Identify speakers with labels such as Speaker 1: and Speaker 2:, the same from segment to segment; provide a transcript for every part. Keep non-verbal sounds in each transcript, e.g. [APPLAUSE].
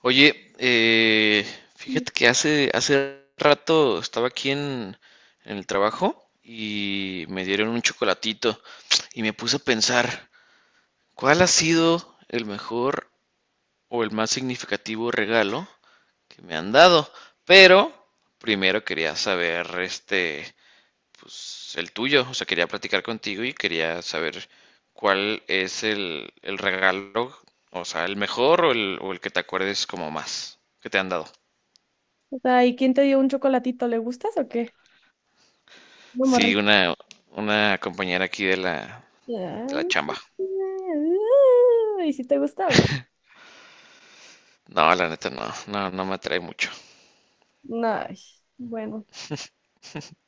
Speaker 1: Oye, fíjate que hace rato estaba aquí en el trabajo y me dieron un chocolatito y me puse a pensar, ¿cuál ha sido el mejor o el más significativo regalo que me han dado? Pero primero quería saber, este, pues el tuyo, o sea, quería platicar contigo y quería saber cuál es el regalo, o sea, el mejor o el que te acuerdes como más que te han dado.
Speaker 2: O sea, ¿y quién te dio un chocolatito? ¿Le gustas o qué? No,
Speaker 1: Sí,
Speaker 2: morri.
Speaker 1: una compañera aquí de de la chamba.
Speaker 2: ¿Y si te gusta o no?
Speaker 1: No, la neta no, no, no me atrae mucho.
Speaker 2: No, ay, bueno.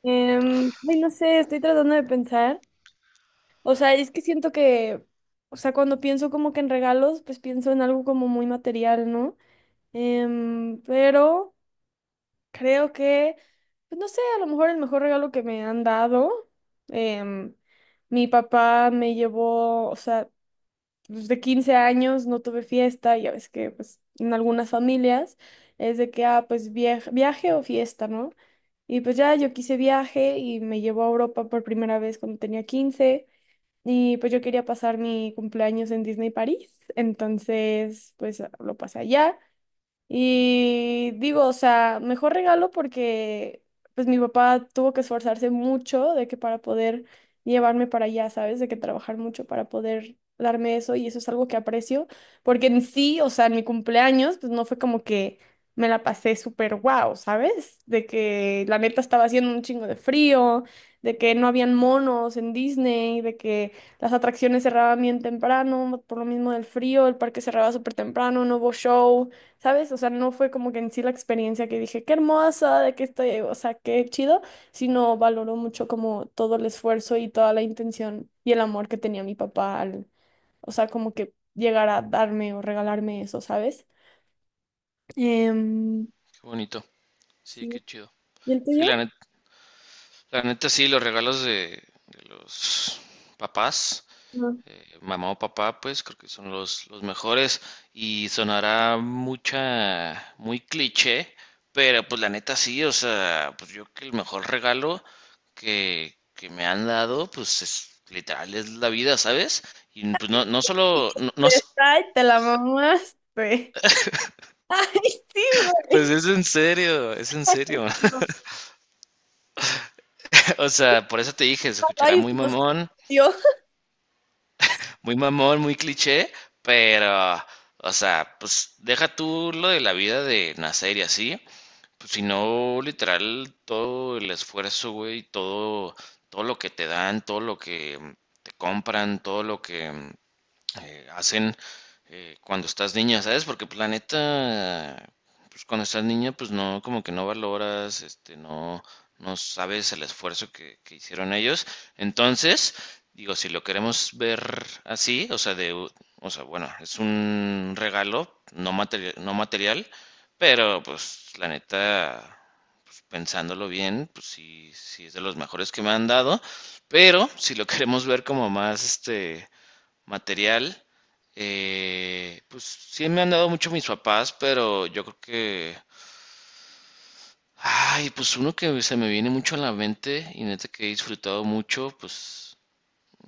Speaker 2: Ay, no sé, estoy tratando de pensar. O sea, es que siento que, o sea, cuando pienso como que en regalos, pues pienso en algo como muy material, ¿no? Pero creo que, pues no sé, a lo mejor el mejor regalo que me han dado, em, mi papá me llevó, o sea, pues, de 15 años no tuve fiesta, ya ves que pues en algunas familias es de que, ah, pues viaje, viaje o fiesta, ¿no? Y pues ya yo quise viaje y me llevó a Europa por primera vez cuando tenía 15 y pues yo quería pasar mi cumpleaños en Disney París, entonces pues lo pasé allá y digo, o sea, mejor regalo porque pues mi papá tuvo que esforzarse mucho de que para poder llevarme para allá, ¿sabes? De que trabajar mucho para poder darme eso y eso es algo que aprecio, porque en sí, o sea, en mi cumpleaños, pues no fue como que me la pasé súper guau, ¿sabes? De que la neta estaba haciendo un chingo de frío, de que no habían monos en Disney, de que las atracciones cerraban bien temprano, por lo mismo del frío, el parque cerraba súper temprano, no hubo show. ¿Sabes? O sea, no fue como que en sí la experiencia que dije, qué hermosa, de que estoy, o sea, qué chido, sino valoró mucho como todo el esfuerzo y toda la intención y el amor que tenía mi papá al, o sea, como que llegar a darme o regalarme eso, ¿sabes? Em,
Speaker 1: Qué bonito, sí,
Speaker 2: sí.
Speaker 1: qué chido.
Speaker 2: ¿Y el
Speaker 1: Sí,
Speaker 2: tuyo?
Speaker 1: la neta sí, los regalos de los papás,
Speaker 2: No.
Speaker 1: mamá o papá, pues creo que son los mejores y sonará muy cliché, pero pues la neta sí, o sea, pues yo creo que el mejor regalo que me han dado, pues es literal, es la vida, ¿sabes? Y pues no, no solo, no, no s-
Speaker 2: Ay, te la mamaste. [LAUGHS] Ay, sí, güey.
Speaker 1: pues es en serio, es en serio.
Speaker 2: No.
Speaker 1: [LAUGHS] O sea, por eso te dije, se escuchará
Speaker 2: Ay,
Speaker 1: muy
Speaker 2: Dios.
Speaker 1: mamón, muy mamón, muy cliché, pero, o sea, pues deja tú lo de la vida de nacer y así. Pues, si no, literal, todo el esfuerzo, güey, todo, todo lo que te dan, todo lo que te compran, todo lo que hacen cuando estás niña, ¿sabes? Porque pues, la neta, pues cuando estás niña, pues no, como que no valoras, este, no, no sabes el esfuerzo que hicieron ellos. Entonces, digo, si lo queremos ver así, o sea, o sea, bueno, es un regalo no material, no material, pero pues la neta, pues, pensándolo bien, pues sí, sí es de los mejores que me han dado. Pero si lo queremos ver como más, este, material, pues sí me han dado mucho mis papás, pero yo creo que, ay, pues uno que se me viene mucho a la mente y neta que he disfrutado mucho, pues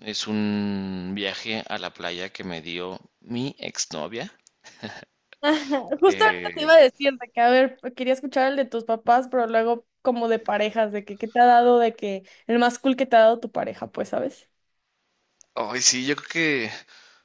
Speaker 1: es un viaje a la playa que me dio mi exnovia.
Speaker 2: [LAUGHS] Ajá, justo ahorita te
Speaker 1: Eh,
Speaker 2: iba a decir de que, a ver, quería escuchar el de tus papás, pero luego como de parejas, de que qué te ha dado, de que el más cool que te ha dado tu pareja, pues, ¿sabes?
Speaker 1: Ay, sí, yo creo que,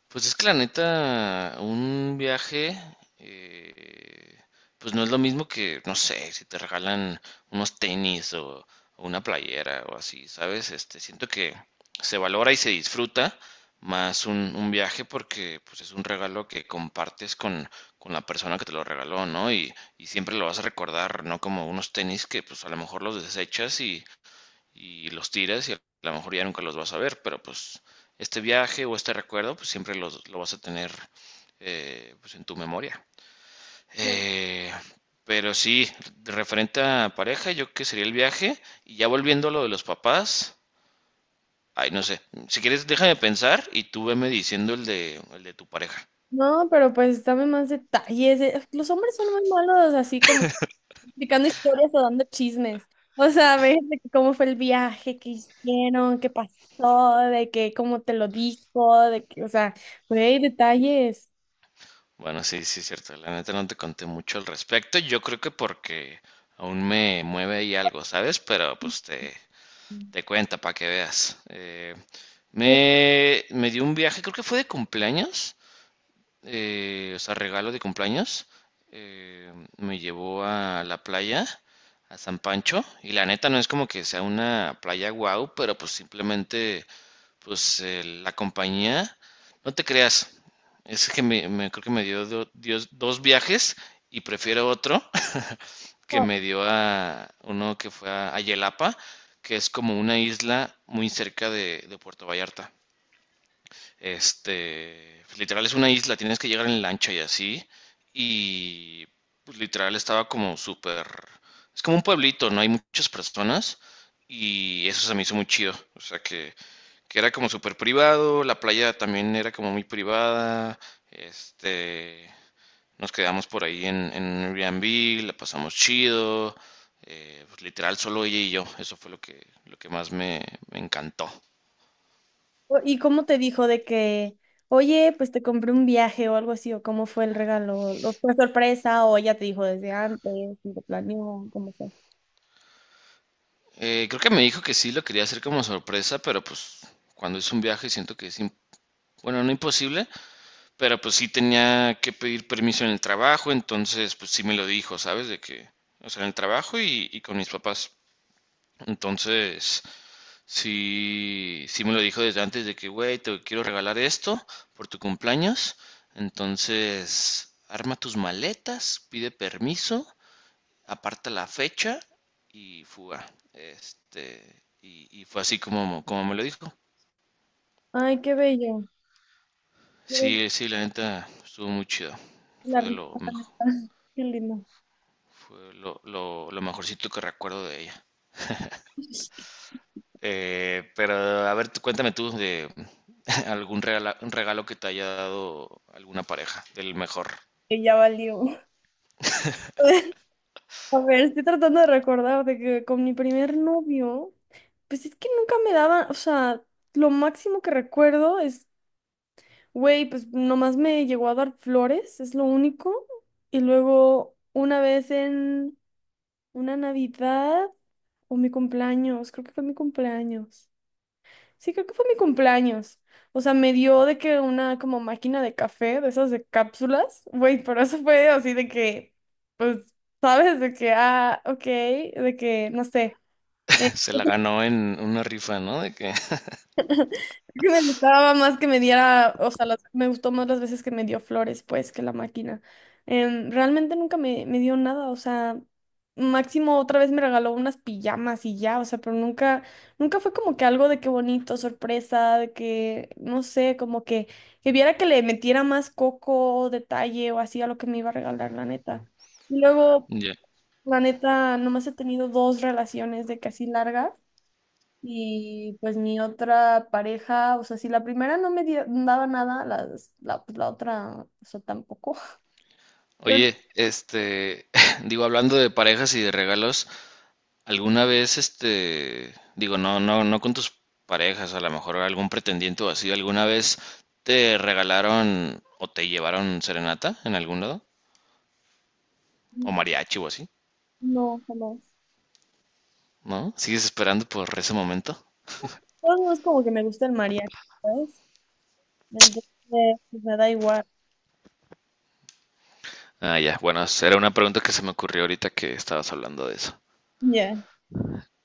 Speaker 1: pues es que la neta, un viaje, eh, pues no es lo mismo que, no sé, si te regalan unos tenis o una playera o así, ¿sabes? Este, siento que se valora y se disfruta más un viaje porque, pues es un regalo que compartes con la persona que te lo regaló, ¿no? Y siempre lo vas a recordar, ¿no? Como unos tenis que, pues a lo mejor los desechas y los tiras y a lo mejor ya nunca los vas a ver, pero pues este viaje o este recuerdo pues siempre lo vas a tener, pues en tu memoria.
Speaker 2: Sí.
Speaker 1: Eh, pero sí, referente a pareja, yo que sería el viaje y ya volviendo a lo de los papás, ay, no sé, si quieres déjame pensar y tú veme diciendo el de tu pareja.
Speaker 2: No, pero pues dame más detalles. Los hombres son muy malos, así como explicando historias o dando chismes. O sea, a ver, de que cómo fue el viaje, qué hicieron, qué pasó, de que cómo te lo dijo, de que, o sea, güey, detalles.
Speaker 1: Bueno, sí, sí, es cierto, la neta no te conté mucho al respecto, yo creo que porque aún me mueve ahí algo, ¿sabes? Pero pues te... Te cuenta para que veas.
Speaker 2: Ujú.
Speaker 1: Me dio un viaje, creo que fue de cumpleaños, o sea, regalo de cumpleaños, me llevó a la playa, a San Pancho, y la neta no es como que sea una playa guau, pero pues simplemente, pues la compañía, no te creas, es que creo que me dio, dos viajes y prefiero otro [LAUGHS] que me dio a uno que fue a Yelapa, que es como una isla muy cerca de Puerto Vallarta. Este, pues, literal es una isla, tienes que llegar en lancha y así. Y pues, literal estaba como súper. Es como un pueblito, no hay muchas personas. Y eso se me hizo muy chido. O sea que era como súper privado, la playa también era como muy privada. Este, nos quedamos por ahí en Airbnb, la pasamos chido. Pues, literal, solo ella y yo. Eso fue lo que más me encantó.
Speaker 2: O- ¿Y cómo te dijo de que, oye, pues te compré un viaje o algo así, o cómo fue el regalo? ¿O fue sorpresa o ella te dijo desde antes y lo planeó? ¿Cómo fue?
Speaker 1: Creo que me dijo que sí lo quería hacer como sorpresa, pero pues cuando es un viaje siento que es, bueno, no imposible, pero pues sí tenía que pedir permiso en el trabajo, entonces pues sí me lo dijo, ¿sabes? De que, o sea, en el trabajo y con mis papás. Entonces, sí, sí me lo dijo desde antes de que, güey, te quiero regalar esto por tu cumpleaños. Entonces, arma tus maletas, pide permiso, aparta la fecha y fuga. Este, y fue así como, como me lo dijo.
Speaker 2: Ay, qué bello. Qué bello.
Speaker 1: Sí, sí, la neta estuvo muy chido.
Speaker 2: La
Speaker 1: Fue lo
Speaker 2: rica, la
Speaker 1: mejor,
Speaker 2: neta. [LAUGHS] Qué lindo.
Speaker 1: fue lo mejorcito que recuerdo de ella. Pero a ver, tú, cuéntame tú de [LAUGHS] algún regalo, un regalo que te haya dado alguna pareja, del mejor.
Speaker 2: Que ya valió. [LAUGHS] A ver, estoy tratando de recordar de que con mi primer novio, pues es que nunca me daban, o sea, lo máximo que recuerdo es, güey, pues nomás me llegó a dar flores, es lo único. Y luego una vez en una Navidad o mi cumpleaños, creo que fue mi cumpleaños. Sí, creo que fue mi cumpleaños. O sea, me dio de que una como máquina de café, de esas de cápsulas. Güey, pero eso fue así de que, pues, ¿sabes? De que, ah, ok, de que, no sé. Eh,
Speaker 1: [LAUGHS] Se la
Speaker 2: [LAUGHS]
Speaker 1: ganó en una rifa, ¿no? De que [LAUGHS]
Speaker 2: Yo necesitaba más que me diera, o sea, las- me gustó más las veces que me dio flores, pues, que la máquina. Realmente nunca me, me dio nada, o sea, máximo otra vez me regaló unas pijamas y ya, o sea, pero nunca, nunca fue como que algo de qué bonito, sorpresa, de que, no sé, como que viera que le metiera más coco, detalle o así a lo que me iba a regalar, la neta. Y luego,
Speaker 1: ya.
Speaker 2: la neta, nomás he tenido dos relaciones de casi largas. Y pues mi otra pareja, o sea, si la primera no me dio, daba nada, las- la, pues, la otra, o sea, tampoco. [LAUGHS] Creo que
Speaker 1: Oye, este, [LAUGHS] digo, hablando de parejas y de regalos, ¿alguna vez, este, digo, no, no, no con tus parejas, a lo mejor algún pretendiente o así, ¿alguna vez te regalaron o te llevaron serenata en algún lado? ¿O mariachi o así?
Speaker 2: no, jamás.
Speaker 1: ¿No? ¿Sigues esperando por ese momento?
Speaker 2: Pues, no es como que me gusta el mariachi, ¿sabes? Entonces, pues me da igual.
Speaker 1: Ah, ya, bueno, era una pregunta que se me ocurrió ahorita que estabas hablando de eso.
Speaker 2: Ya.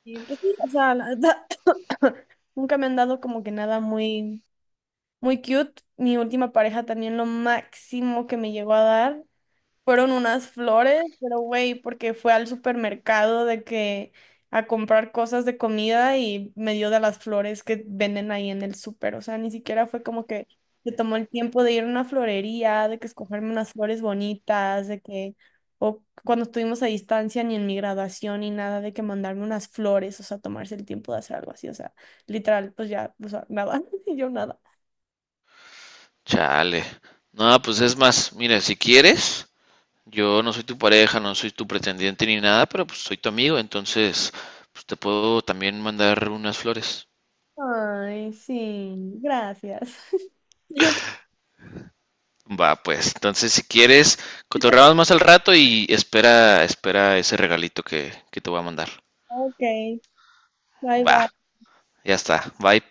Speaker 2: Y pues sí, o sea, la verdad, [COUGHS] nunca me han dado como que nada muy, muy cute. Mi última pareja también lo máximo que me llegó a dar, fueron unas flores, pero güey, porque fue al supermercado de que a comprar cosas de comida y me dio de las flores que venden ahí en el súper. O sea, ni siquiera fue como que se tomó el tiempo de ir a una florería, de que escogerme unas flores bonitas, de que, o cuando estuvimos a distancia, ni en mi graduación, ni nada, de que mandarme unas flores, o sea, tomarse el tiempo de hacer algo así. O sea, literal, pues ya, o sea, nada, [LAUGHS] y yo nada.
Speaker 1: Chale. No, pues es más, mira, si quieres, yo no soy tu pareja, no soy tu pretendiente ni nada, pero pues soy tu amigo, entonces pues te puedo también mandar unas flores.
Speaker 2: Ay, sí, gracias. [LAUGHS] Yo,
Speaker 1: Va, pues, entonces si quieres, cotorreamos más al rato y espera, espera ese regalito que te voy a mandar.
Speaker 2: ok. Bye
Speaker 1: Va,
Speaker 2: bye.
Speaker 1: ya está. Bye.